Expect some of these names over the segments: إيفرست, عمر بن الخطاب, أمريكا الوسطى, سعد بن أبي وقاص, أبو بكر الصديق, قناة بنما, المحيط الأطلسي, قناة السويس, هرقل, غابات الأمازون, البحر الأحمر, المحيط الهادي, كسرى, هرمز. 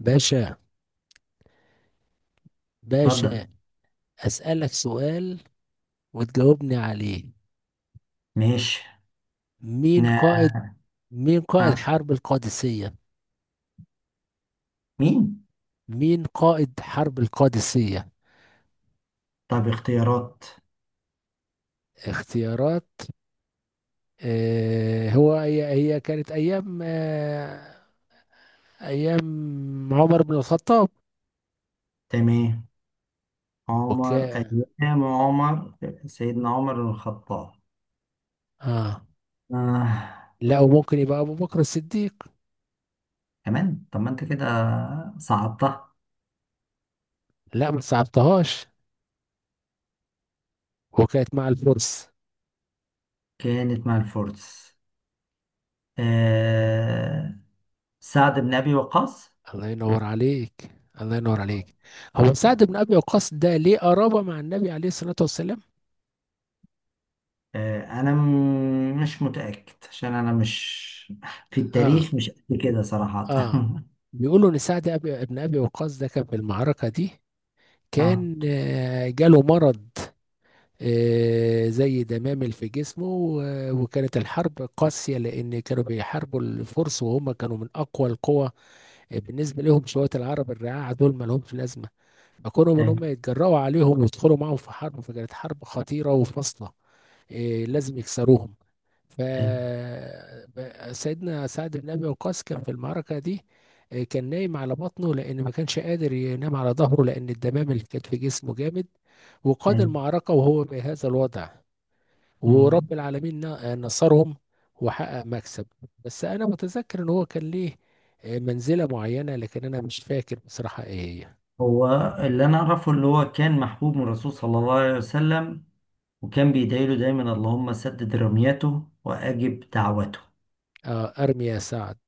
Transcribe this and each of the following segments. باشا، اتفضل. باشا. أسألك سؤال وتجاوبني عليه. ماشي. مين قائد مين قائد نعم. حرب القادسية؟ مين؟ مين قائد حرب القادسية؟ طب اختيارات. اختيارات. آه هو هي هي كانت أيام أيام عمر بن الخطاب. تمام. عمر وكان أيام عمر. سيدنا عمر بن الخطاب. آه آه. لا، وممكن يبقى أبو بكر الصديق. كمان طب ما انت كده صعبتها. لا ما صعبتهاش. وكانت مع الفرس. كانت مع الفرس. آه. سعد بن أبي وقاص. الله ينور عليك، الله ينور عليك. آه. هو سعد بن ابي وقاص ده ليه قرابه مع النبي عليه الصلاه والسلام؟ آه. أنا مش متأكد عشان أنا مش في اه التاريخ مش قد كده صراحة اه. بيقولوا ان سعد ابن ابي وقاص ده كان في المعركه دي، اه. كان جاله مرض زي دمامل في جسمه، وكانت الحرب قاسيه لان كانوا بيحاربوا الفرس، وهم كانوا من اقوى القوى بالنسبه لهم. شويه العرب الرعاع دول ما لهمش لازمه، فكانوا ان ايوه، هم يتجرأوا عليهم ويدخلوا معاهم في حرب، فكانت حرب خطيره وفاصله. إيه، لازم يكسروهم. ف ايوه، سيدنا سعد بن ابي وقاص كان في المعركه دي، إيه، كان نايم على بطنه لان ما كانش قادر ينام على ظهره، لان الدمام اللي كانت في جسمه جامد. وقاد المعركه وهو بهذا الوضع، ايوه. ورب العالمين نصرهم وحقق مكسب. بس انا متذكر ان هو كان ليه، إيه، منزله معينه، لكن انا مش فاكر بصراحه ايه هي. هو اللي انا اعرفه اللي هو كان محبوب من الرسول صلى الله عليه وسلم، وكان بيدعي له دايما اللهم سدد رميته واجب دعوته. ارمي يا سعد،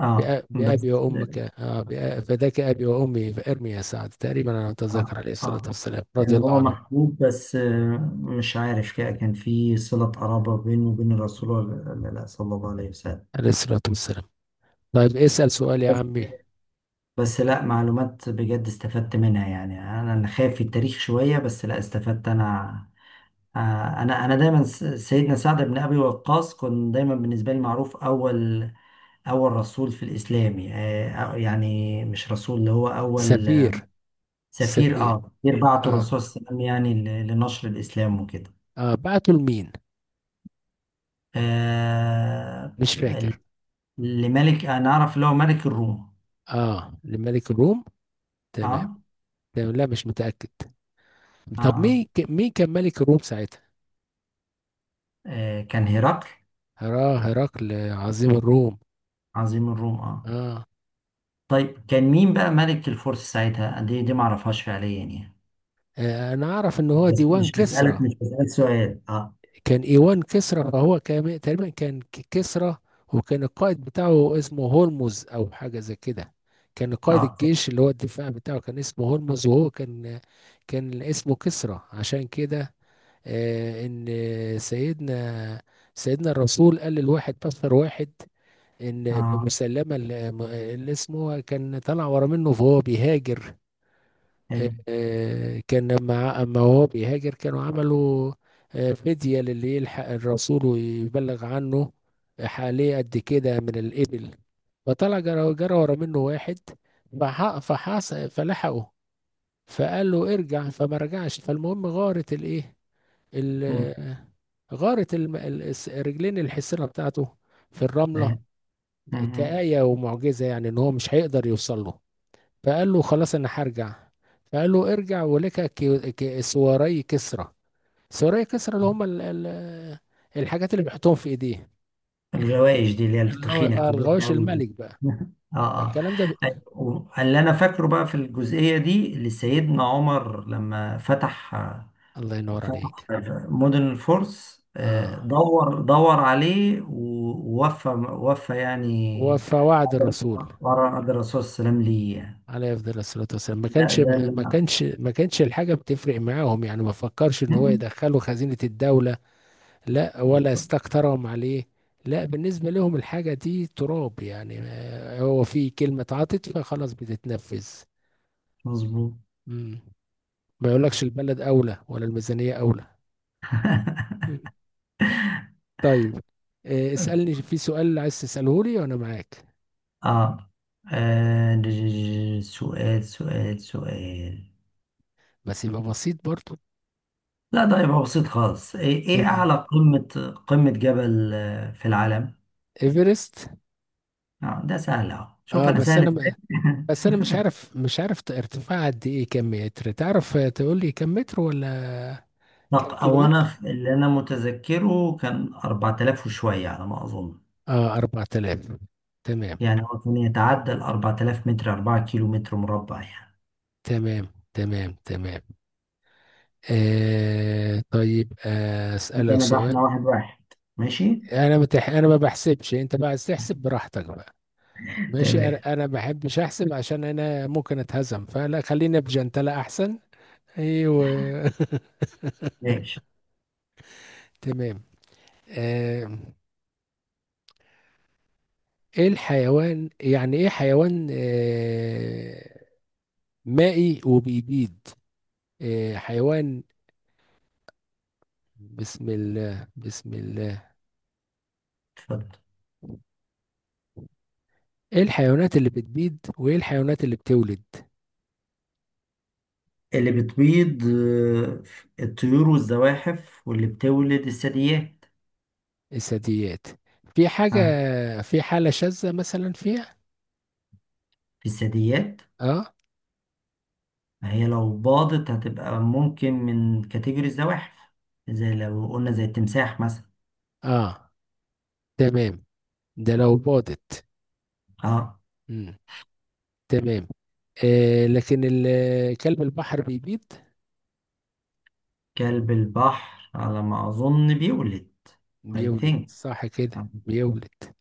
اه. بأبي بس. وأمك، فداك أبي وأمي، فارمي يا سعد. تقريبا أنا أتذكر اه. عليه الصلاة اه. والسلام رضي كان الله هو عنه. محبوب بس، مش عارف كده كان في صلة قرابة بينه وبين الرسول، ولا لا صلى الله عليه وسلم. عليه الصلاة والسلام. طيب اسأل سؤال يا بس عمي. بس لا، معلومات بجد استفدت منها يعني، انا اللي خايف في التاريخ شوية بس لا استفدت انا. آه، انا دايما سيدنا سعد بن ابي وقاص كان دايما بالنسبه لي معروف اول رسول في الاسلام، يعني مش رسول اللي هو اول سفير. سفير. سفير. اه، سفير بعته آه. الرسول صلى الله عليه وسلم يعني لنشر الاسلام وكده. آه، بعته لمين؟ آه، مش فاكر. ال- لملك انا اعرف اللي هو ملك الروم. آه، لملك الروم. تمام، اه. تمام. لا مش متأكد. طب اه. مين مين كان ملك الروم ساعتها؟ كان هرقل هرقل، عظيم الروم. عظيم الروم. اه. آه. طيب، كان مين بقى ملك الفرس ساعتها؟ دي ما اعرفهاش فعليا يعني. آه، أنا أعرف إن هو بس ديوان مش بسألك كسرى. مش بسألك سؤال. اه. كان ايوان كسرى، فهو كان تقريبا كان كسرى. وكان القائد بتاعه اسمه هرمز او حاجه زي كده. كان قائد اه. الجيش اللي هو الدفاع بتاعه كان اسمه هرمز، وهو كان كان اسمه كسرى. عشان كده ان سيدنا سيدنا الرسول قال للواحد، بشر واحد، ان اه. بمسلمه اللي اللي اسمه كان طلع ورا منه فهو بيهاجر. ايوه. كان لما اما هو بيهاجر كانوا عملوا فدية للي يلحق الرسول ويبلغ عنه، حواليه قد كده من الإبل. فطلع جرى ورا منه واحد، فحص، فلحقه، فقال له ارجع، فما رجعش. فالمهم غارت الايه، مم. ال- غارت رجلين الحصينة بتاعته في الرملة، ايوه. مم. كآية ومعجزة، يعني ان هو مش هيقدر يوصل له. فقال له خلاص انا هرجع. فقال له ارجع ولك سواري كسرى. سواري كسرى اللي هم الحاجات اللي بيحطوهم في ايديه. الغوايش دي اللي هي التخينه الكبيره الغواش قوي دي. الملك بقى. اه. اه. فالكلام ده ب... أيوة، اللي انا فاكره بقى في الجزئيه دي اللي سيدنا عمر لما فتح الله ينور فتح عليك. مدن الفرس، اه، دور عليه ووفى يعني وفواعد الرسول ورا قدر الرسول صلى الله عليه وسلم ليه يعني. عليه افضل الصلاه والسلام. ما ده كانش ده اللي ما انا. كانش ما كانش الحاجه بتفرق معاهم، يعني ما فكرش ان هو مم. يدخله خزينه الدوله، لا ولا بالظبط. استكترهم عليه. لا، بالنسبة لهم الحاجة دي تراب، يعني هو في كلمة اتعطت فخلاص بتتنفذ. مظبوط. مم. ما يقولكش البلد أولى ولا الميزانية أولى. مم. طيب اسألني في سؤال عايز تسأله لي وأنا معاك. اه. سؤال. بس يبقى بسيط برضو. لا، ده يبقى بسيط خالص، إيه تمام. اعلى قمة جبل في العالم؟ إيفرست. اه، ده سهل اهو، شوف اه انا بس سهل ازاي. بس أنا مش عارف ارتفاع قد إيه؟ كم متر تعرف؟ تقول لي كم متر ولا كم كيلو او انا متر؟ اللي انا متذكره كان 4000 وشوية على ما اظن. اه 4000. تمام، يعني هو كان يتعدى ال 4000 متر، 4 كيلو متر مربع يعني. تمام، تمام، تمام، آه طيب، آه ده اسالك انا بقى، احنا سؤال. واحد واحد. ماشي. انا متح... انا ما بحسبش، انت بقى عايز تحسب براحتك بقى. ماشي، انا تمام. انا ما بحبش احسب عشان انا ممكن اتهزم، فلا خلينا بجنتلة احسن. ايوه. ماشي. تمام. آه، ايه الحيوان، يعني ايه حيوان مائي وبيبيض؟ آه حيوان. بسم الله، بسم الله. اتفضل. ايه الحيوانات اللي بتبيض وايه الحيوانات اللي بتولد؟ اللي بتبيض الطيور والزواحف، واللي بتولد الثدييات. الثدييات. في حاجة، ها؟ في حالة شاذة مثلا فيها؟ في الثدييات. اه. ما هي لو باضت هتبقى ممكن من كاتيجوري الزواحف، زي لو قلنا زي التمساح مثلا. اه، تمام، ده لو باضت. اه، مم. تمام. آه لكن كلب البحر بيبيض. كلب البحر على ما أظن بيولد. I بيولد؟ think. صح اه. كده، بيولد.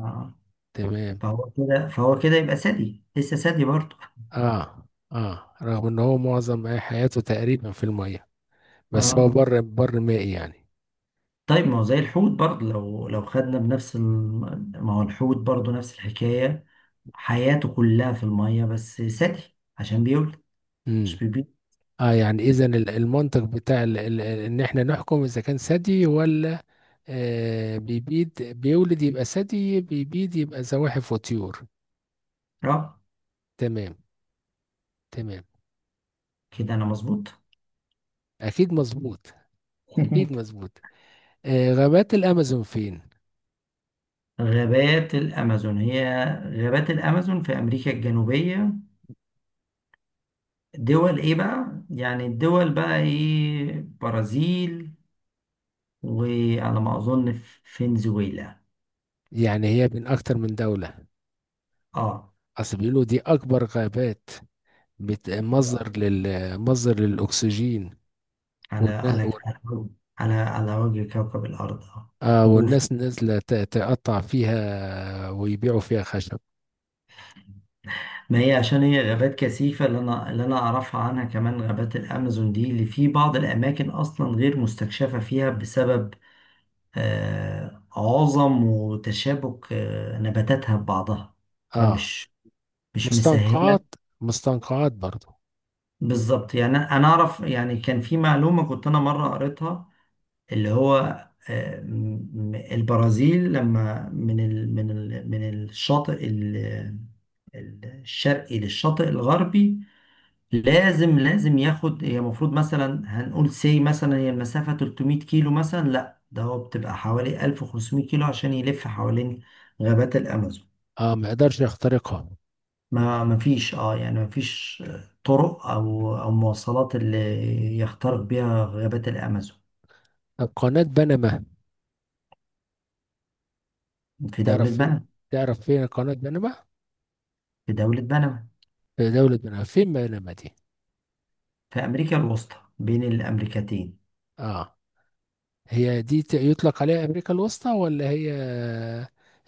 آه. تمام. فهو كده يبقى ثدي، لسه ثدي برضه. اه اه، رغم ان هو معظم حياته تقريبا في المية، بس هو اه، بر بر مائي يعني. طيب ما هو زي الحوت برضه، لو خدنا بنفس ما هو الحوت برضه نفس الحكاية، حياته كلها في المية بس ثدي عشان بيولد، مش امم. بيبيض. اه، يعني اذا المنطق بتاع ان احنا نحكم اذا كان ثدي ولا بيبيد. بيولد يبقى ثدي، بيبيد يبقى زواحف وطيور. اه، تمام، تمام. كده انا مظبوط. اكيد مظبوط، اكيد مظبوط. آه، غابات الامازون فين؟ غابات الأمازون، هي غابات الأمازون في أمريكا الجنوبية. دول إيه بقى؟ يعني الدول بقى إيه؟ برازيل، وعلى ما أظن فنزويلا. يعني هي بين اكتر من دولة. آه. اصل بيقولوا دي اكبر غابات، على مصدر مصدر للاكسجين على والناس. على على وجه كوكب الأرض. آه. آه، والناس نازلة تقطع فيها ويبيعوا فيها خشب. ما هي عشان هي غابات كثيفة، اللي أنا أعرفها عنها كمان غابات الأمازون دي، اللي في بعض الأماكن أصلا غير مستكشفة فيها بسبب عظم وتشابك نباتاتها ببعضها، اه، فمش مش مستنقعات. مسهلة. مستنقعات برضو. بالظبط يعني، أنا أعرف يعني كان في معلومة كنت أنا مرة قريتها، اللي هو البرازيل لما من الشاطئ الشرقي للشاطئ الغربي، لازم ياخد، هي المفروض مثلا هنقول سي مثلا، هي المسافة 300 كيلو مثلا، لا ده هو بتبقى حوالي 1500 كيلو عشان يلف حوالين غابات الأمازون. اه، ما يقدرش يخترقها. ما فيش اه يعني ما فيش طرق أو مواصلات اللي يخترق بيها غابات الأمازون. طب قناة بنما، في تعرف دولة فين؟ بنما. تعرف فين قناة بنما؟ في دولة بنما. في دولة بنما، فين بنما دي؟ في أمريكا الوسطى بين الأمريكتين. اه. هي دي يطلق عليها أمريكا الوسطى، ولا هي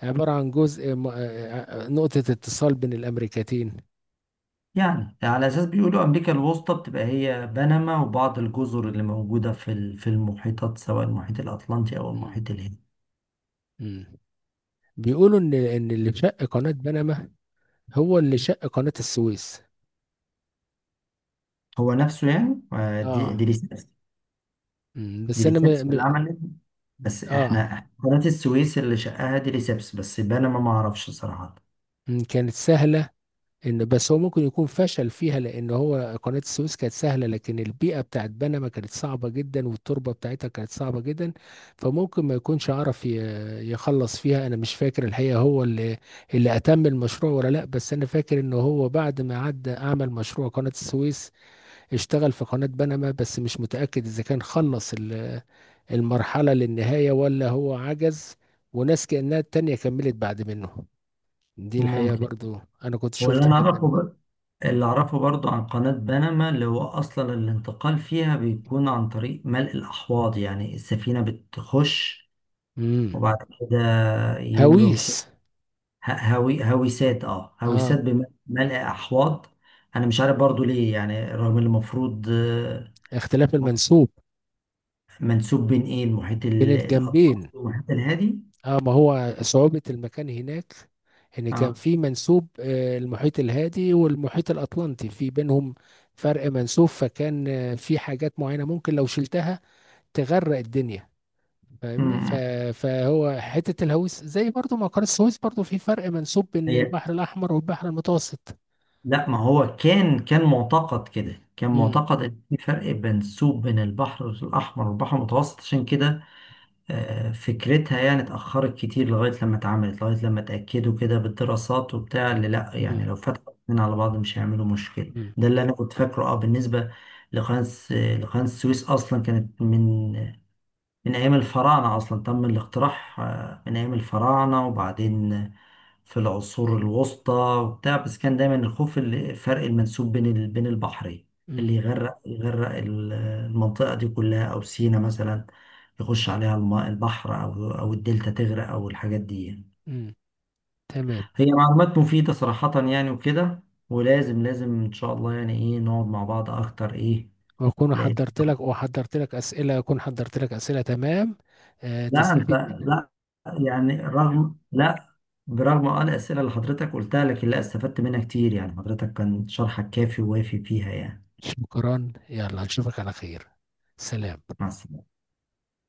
عبارة عن جزء م... نقطة اتصال بين الأمريكتين؟ يعني على اساس بيقولوا امريكا الوسطى بتبقى هي بنما وبعض الجزر اللي موجوده في المحيطات، سواء المحيط الاطلنطي او مم. المحيط الهندي. مم. بيقولوا إن إن اللي شق قناة بنما هو اللي شق قناة السويس. هو نفسه يعني، دي دي اه. ريسبس مم. دي بس أنا ريسبس م... م... اللي عملت، بس احنا اه. إحنا قناه السويس اللي شقها دي ريسبس، بس بنما ما اعرفش صراحه. مم. كانت سهلة. ان بس هو ممكن يكون فشل فيها، لان هو قناة السويس كانت سهلة، لكن البيئة بتاعت بنما كانت صعبة جدا، والتربة بتاعتها كانت صعبة جدا، فممكن ما يكونش عرف يخلص فيها. انا مش فاكر الحقيقة هو اللي اللي اتم المشروع ولا لا. بس انا فاكر ان هو بعد ما عدى اعمل مشروع قناة السويس، اشتغل في قناة بنما. بس مش متأكد اذا كان خلص المرحلة للنهاية ولا هو عجز وناس كأنها التانية كملت بعد منه. دي الحقيقة ممكن. برضو أنا كنت هو شفت برنامج. اللي اعرفه برضو عن قناه بنما، اللي هو اصلا الانتقال فيها بيكون عن طريق ملء الاحواض، يعني السفينه بتخش امم. وبعد كده يملوا هويس. اه، هويسات، بملء احواض. انا مش عارف برضو ليه يعني، رغم اللي المفروض اختلاف المنسوب منسوب بين ايه المحيط بين الاطلسي الجنبين. والمحيط الهادي. اه، ما هو صعوبة المكان هناك. ان كان اه. في منسوب المحيط الهادي والمحيط الاطلنطي، في بينهم فرق منسوب، فكان في حاجات معينة ممكن لو شلتها تغرق الدنيا. فاهمني؟ امم فهو حتة الهويس، زي برضو ما قناة السويس، برضو في فرق منسوب بين هي. البحر الاحمر والبحر المتوسط. لا، ما هو كان معتقد كده، كان امم. معتقد ان في فرق منسوب بين البحر الاحمر والبحر المتوسط عشان كده، فكرتها يعني اتأخرت كتير لغاية لما اتعملت، لغاية لما اتأكدوا كده بالدراسات وبتاع، اللي لأ يعني امم. لو فتحوا الاتنين على بعض مش هيعملوا مشكلة، ده اللي أنا كنت فاكره. اه. بالنسبة لقناة السويس، أصلا كانت من أيام الفراعنة، أصلا تم الاقتراح من أيام الفراعنة وبعدين في العصور الوسطى وبتاع، بس كان دايما الخوف، الفرق المنسوب بين بين البحرين، اللي امم. يغرق المنطقة دي كلها أو سينا مثلا، يخش عليها الماء البحر أو الدلتا تغرق أو الحاجات دي يعني. امم. تمام. هي معلومات مفيدة صراحة يعني وكده، ولازم إن شاء الله يعني إيه نقعد مع بعض أكتر إيه. واكون لأن، حضرت لك وحضرت لك اسئله اكون حضرت لك اسئله، تمام، آه، لا أنت، تستفيد منها. لا يعني رغم، لا برغم اه الأسئلة اللي حضرتك قلتها لكن لا، استفدت منها كتير يعني، حضرتك كان شرحك كافي ووافي فيها يعني. شكرا، يلا نشوفك على خير. سلام. مع السلامة.